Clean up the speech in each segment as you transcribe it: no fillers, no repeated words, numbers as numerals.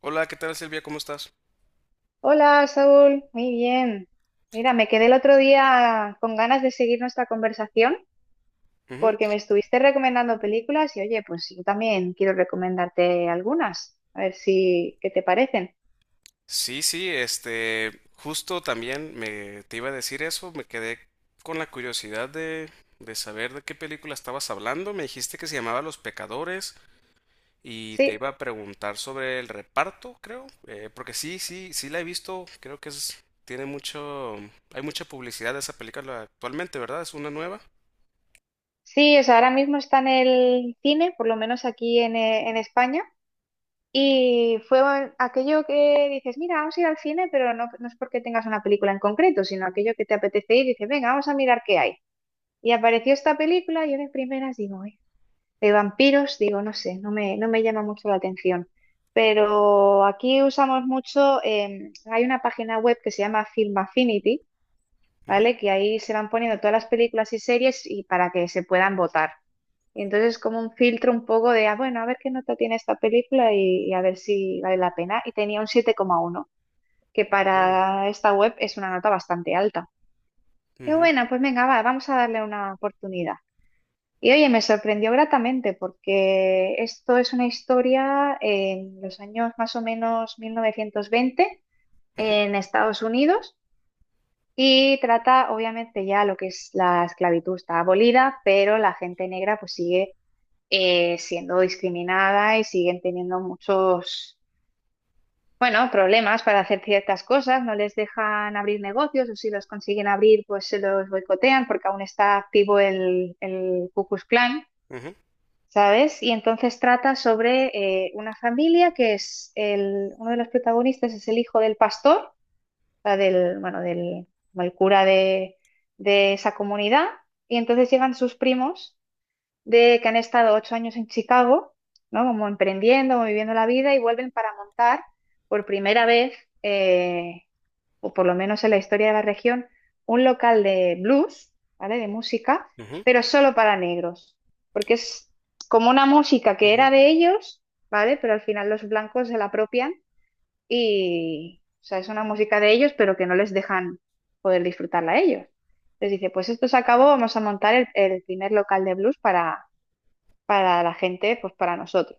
Hola, ¿qué tal, Silvia? ¿Cómo estás? Hola, Saúl, muy bien. Mira, me quedé el otro día con ganas de seguir nuestra conversación porque Ujú. me estuviste recomendando películas y oye, pues yo también quiero recomendarte algunas, a ver si qué te parecen. Justo también me te iba a decir eso, me quedé con la curiosidad de saber de qué película estabas hablando. Me dijiste que se llamaba Los Pecadores y te Sí, iba a preguntar sobre el reparto, creo, porque sí, la he visto, tiene mucho, hay mucha publicidad de esa película actualmente, ¿verdad? Es una nueva. sí, o sea, ahora mismo está en el cine, por lo menos aquí en España, y fue aquello que dices, mira, vamos a ir al cine, pero no, no es porque tengas una película en concreto, sino aquello que te apetece ir y dices, venga, vamos a mirar qué hay. Y apareció esta película y yo de primeras digo, de vampiros, digo, no sé, no me llama mucho la atención. Pero aquí usamos mucho, hay una página web que se llama Film Affinity, Ujú. ¿vale? Que ahí se van poniendo todas las películas y series y para que se puedan votar. Y entonces como un filtro un poco de, bueno, a ver qué nota tiene esta película y a ver si vale la pena. Y tenía un 7,1 que Mm. para esta web es una nota bastante alta. Qué Ujú, buena, pues venga, va, vamos a darle una oportunidad. Y oye, me sorprendió gratamente porque esto es una historia en los años más o menos 1920 ujú, en Estados Unidos y trata obviamente ya lo que es la esclavitud está abolida, pero la gente negra pues sigue siendo discriminada y siguen teniendo muchos, bueno, problemas para hacer ciertas cosas, no les dejan abrir negocios o si los consiguen abrir pues se los boicotean porque aún está activo el Ku Klux Klan. ujú, ¿Sabes? Y entonces trata sobre una familia que es uno de los protagonistas es el hijo del pastor, o sea, bueno, del como el cura de esa comunidad, y entonces llegan sus primos de que han estado 8 años en Chicago, ¿no? Como emprendiendo, como viviendo la vida, y vuelven para montar por primera vez. eh, o por lo menos en la historia de la región, un local de blues, ¿vale? De música, ujú, pero solo para negros, porque es como una música que ujú, era de ellos, ¿vale? Pero al final los blancos se la apropian y, o sea, es una música de ellos, pero que no les dejan poder disfrutarla a ellos. Entonces dice, pues esto se acabó, vamos a montar el primer local de blues para la gente, pues para nosotros.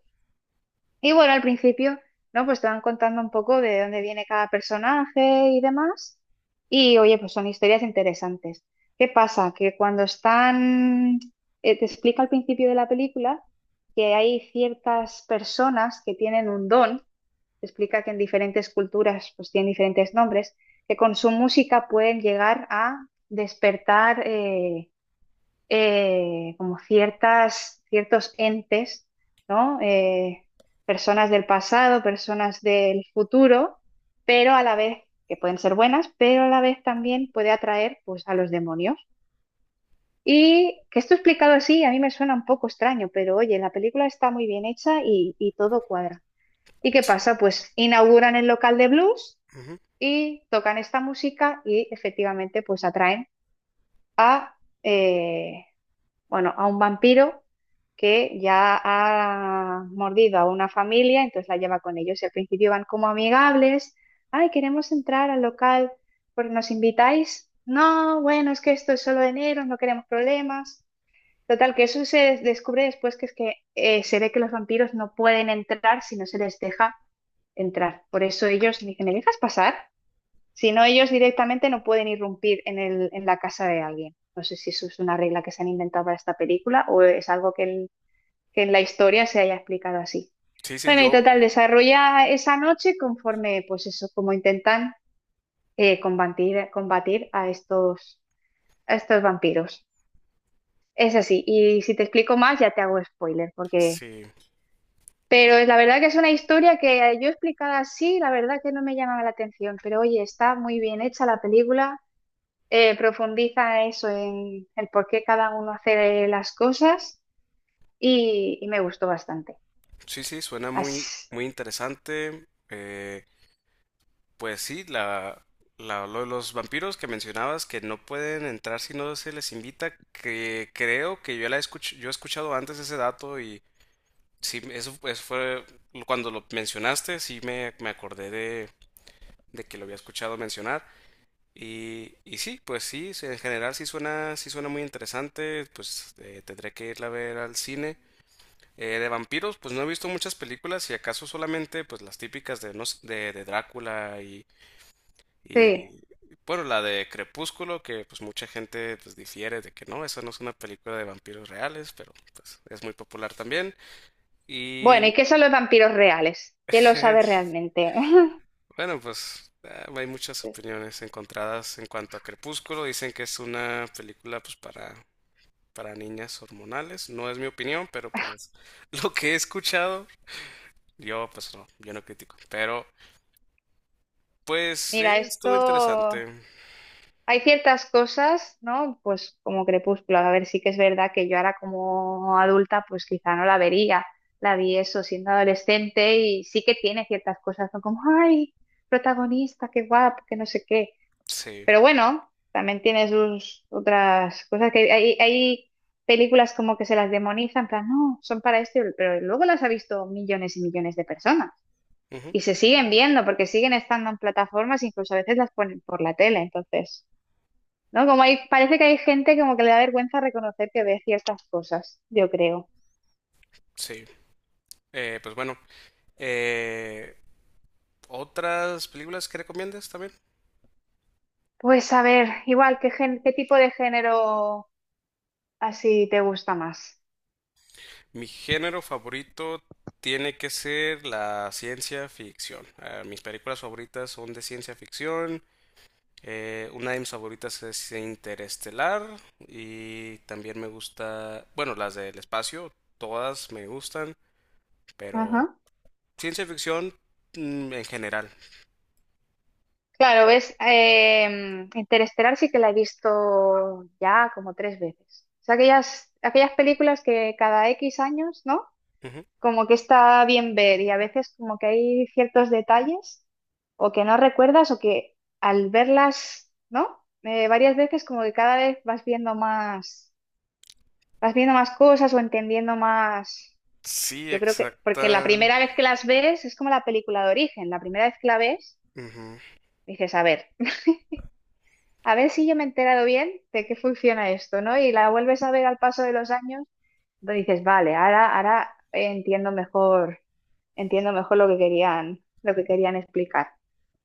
Y bueno, al principio, ¿no? Pues te van contando un poco de dónde viene cada personaje y demás. Y oye, pues son historias interesantes. ¿Qué pasa? Que cuando están, te explica al principio de la película que hay ciertas personas que tienen un don, te explica que en diferentes culturas pues tienen diferentes nombres, que con su música pueden llegar a despertar como ciertos entes, ¿no? Personas del pasado, personas del futuro, pero a la vez, que pueden ser buenas, pero a la vez también puede atraer pues, a los demonios. Y que esto explicado así, a mí me suena un poco extraño, pero oye, la película está muy bien hecha y todo cuadra. ¿Y qué pasa? Pues inauguran el local de blues ujú. y tocan esta música y efectivamente pues atraen a eh, bueno, a un vampiro que ya ha mordido a una familia, entonces la lleva con ellos. Y al principio van como amigables, ay, queremos entrar al local, porque nos invitáis. No, bueno, es que esto es solo de negros, no queremos problemas. Total, que eso se descubre después que es que se ve que los vampiros no pueden entrar si no se les deja entrar. Por eso ellos dicen, ¿me dejas pasar? Si no, ellos directamente no pueden irrumpir en el, en la casa de alguien. No sé si eso es una regla que se han inventado para esta película o es algo que en la historia se haya explicado así. Sí, sí, Bueno, y yo, total, desarrolla esa noche conforme, pues eso, como intentan combatir a estos vampiros. Es así, y si te explico más ya te hago spoiler, porque... sí. Pero la verdad que es una historia que yo explicada así, la verdad que no me llamaba la atención, pero oye, está muy bien hecha la película profundiza eso en el por qué cada uno hace las cosas y me gustó bastante. Sí, sí, suena muy, Así, muy interesante. Eh, pues sí, lo de los vampiros que mencionabas, que no pueden entrar si no se les invita, que creo que yo he escuchado antes ese dato. Y sí, eso fue cuando lo mencionaste, sí me acordé de que lo había escuchado mencionar. En general sí suena muy interesante, pues tendré que irla a ver al cine. De vampiros, pues no he visto muchas películas, y acaso solamente pues las típicas de, no sé, de Drácula y sí. bueno, la de Crepúsculo, que pues mucha gente pues difiere de que no, esa no es una película de vampiros reales, pero pues es muy popular también. Bueno, ¿y Y qué son los vampiros reales? ¿Quién lo sabe realmente? bueno, pues ah, hay muchas Sí. opiniones encontradas en cuanto a Crepúsculo, dicen que es una película pues para niñas hormonales, no es mi opinión, pero pues lo que he escuchado, yo pues no, yo no critico, pero pues Mira, estuvo esto... interesante. Hay ciertas cosas, ¿no? Pues como Crepúsculo, a ver, sí que es verdad que yo ahora como adulta, pues quizá no la vería. La vi eso siendo adolescente y sí que tiene ciertas cosas, ¿no? Como, ay, protagonista, qué guapo, que no sé qué. Sí. Pero bueno, también tiene sus otras cosas que hay películas como que se las demonizan, en plan, no, son para esto, pero luego las ha visto millones y millones de personas Ujú, y se siguen viendo porque siguen estando en plataformas, incluso a veces las ponen por la tele, entonces, ¿no? Como hay, parece que hay gente como que le da vergüenza reconocer que ve ciertas cosas, yo creo. sí. Pues bueno, eh, ¿otras películas que recomiendas también? Pues a ver, igual, ¿qué qué tipo de género así te gusta más? Mi género favorito tiene que ser la ciencia ficción. Ah, mis películas favoritas son de ciencia ficción. Una de mis favoritas es Interestelar. Y también me gusta, bueno, las del espacio, todas me gustan, Ajá. pero ciencia ficción, en general. Claro, ves, Interestelar sí que la he visto ya como 3 veces. O sea, aquellas, aquellas películas que cada X años, ¿no? Como que está bien ver y a veces como que hay ciertos detalles o que no recuerdas o que al verlas, ¿no? Varias veces como que cada vez vas viendo más cosas o entendiendo más. Sí, Yo creo que, porque la exacta. primera vez que las ves es como la película de origen, la primera vez que la ves Ujú, dices, a ver. A ver si yo me he enterado bien de qué funciona esto, ¿no? Y la vuelves a ver al paso de los años, pues dices, vale, ahora, ahora entiendo mejor lo que querían explicar.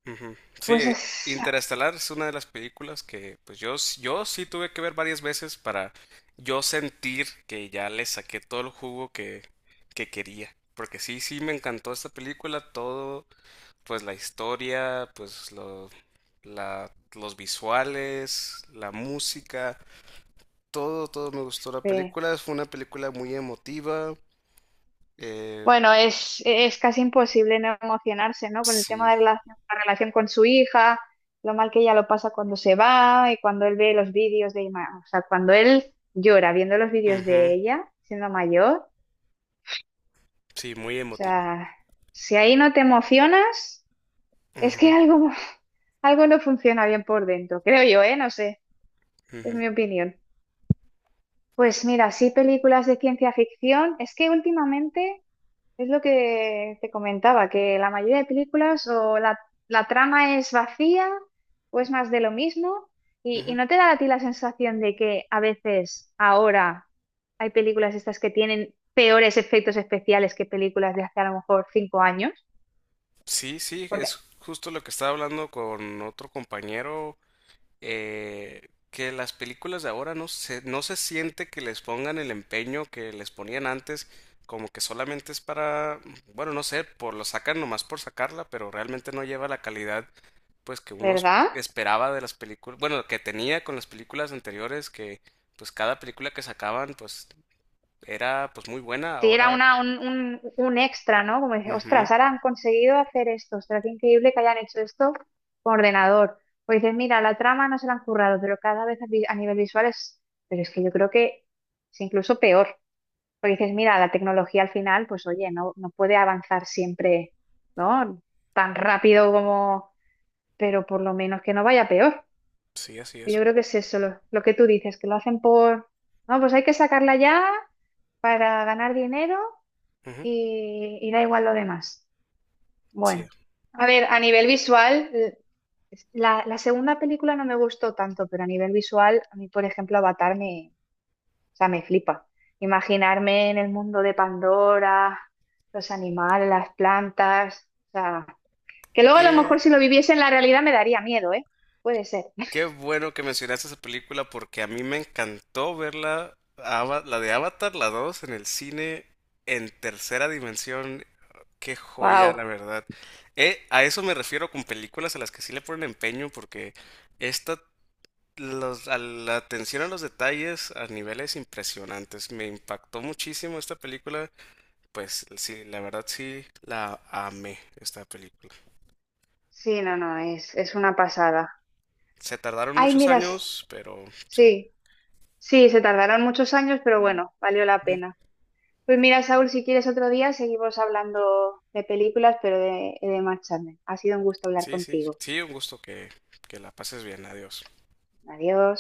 ujú. Sí, Pues Interestelar es una de las películas que pues yo, yo sí tuve que ver varias veces para yo sentir que ya le saqué todo el jugo que quería. Porque sí, sí me encantó esta película, todo, pues la historia, los visuales, la música, todo, todo me gustó la eh, película. Fue una película muy emotiva. eh, bueno, es casi imposible no emocionarse, ¿no? Con el tema sí, de la relación con su hija, lo mal que ella lo pasa cuando se va y cuando él ve los vídeos o sea, cuando él llora viendo los vídeos ujú, de ella siendo mayor, o sí, muy emotiva. sea, si ahí no te emocionas. Es que Ujú, algo, algo no funciona bien por dentro, creo yo, ¿eh? No sé, es ujú, mi opinión. Pues mira, sí, películas de ciencia ficción. Es que últimamente es lo que te comentaba, que la mayoría de películas o la trama es vacía o es más de lo mismo. Y ujú. no te da a ti la sensación de que a veces ahora hay películas estas que tienen peores efectos especiales que películas de hace a lo mejor 5 años, Sí, sí, porque, es justo lo que estaba hablando con otro compañero, que las películas de ahora no se siente que les pongan el empeño que les ponían antes, como que solamente es para, bueno, no sé, por lo sacan nomás por sacarla, pero realmente no lleva la calidad pues que uno ¿verdad? esperaba de las películas, bueno, que tenía con las películas anteriores, que pues cada película que sacaban pues era pues muy buena, Sí, ahora, era un extra, ¿no? Como dice, ostras, ujú, ahora han conseguido hacer esto, ostras, qué increíble que hayan hecho esto con ordenador. O dices, mira, la trama no se la han currado, pero cada vez a nivel visual es, pero es que yo creo que es incluso peor. Porque dices, mira, la tecnología al final, pues oye, no puede avanzar siempre, ¿no? Tan rápido como, pero por lo menos que no vaya peor. sí, así es. Yo creo que es eso, lo que tú dices, que lo hacen por, no, pues hay que sacarla ya para ganar dinero y da igual lo demás. Sí. Bueno, a ver, a nivel visual, la segunda película no me gustó tanto, pero a nivel visual, a mí, por ejemplo, Avatar o sea, me flipa. Imaginarme en el mundo de Pandora, los animales, las plantas, o sea, que luego a lo mejor Qué, si lo viviese en la realidad me daría miedo, ¿eh? Puede ser. qué bueno que mencionaste esa película, porque a mí me encantó verla, la de Avatar, la dos, en el cine, en tercera dimensión. Qué joya, la Wow. verdad. A eso me refiero con películas a las que sí le ponen empeño, porque esta, los, a la atención a los detalles a niveles impresionantes. Me impactó muchísimo esta película. Pues sí, la verdad sí, la amé, esta película. Sí, no, no, es una pasada. Se tardaron Ay, muchos miras, años, pero sí. sí, sí, se tardaron muchos años, pero bueno, valió la pena. Pues mira, Saúl, si quieres otro día seguimos hablando de películas, pero de Mark Chapman. Ha sido un gusto hablar Sí, sí, contigo. sí, un gusto que la pases bien. Adiós. Adiós.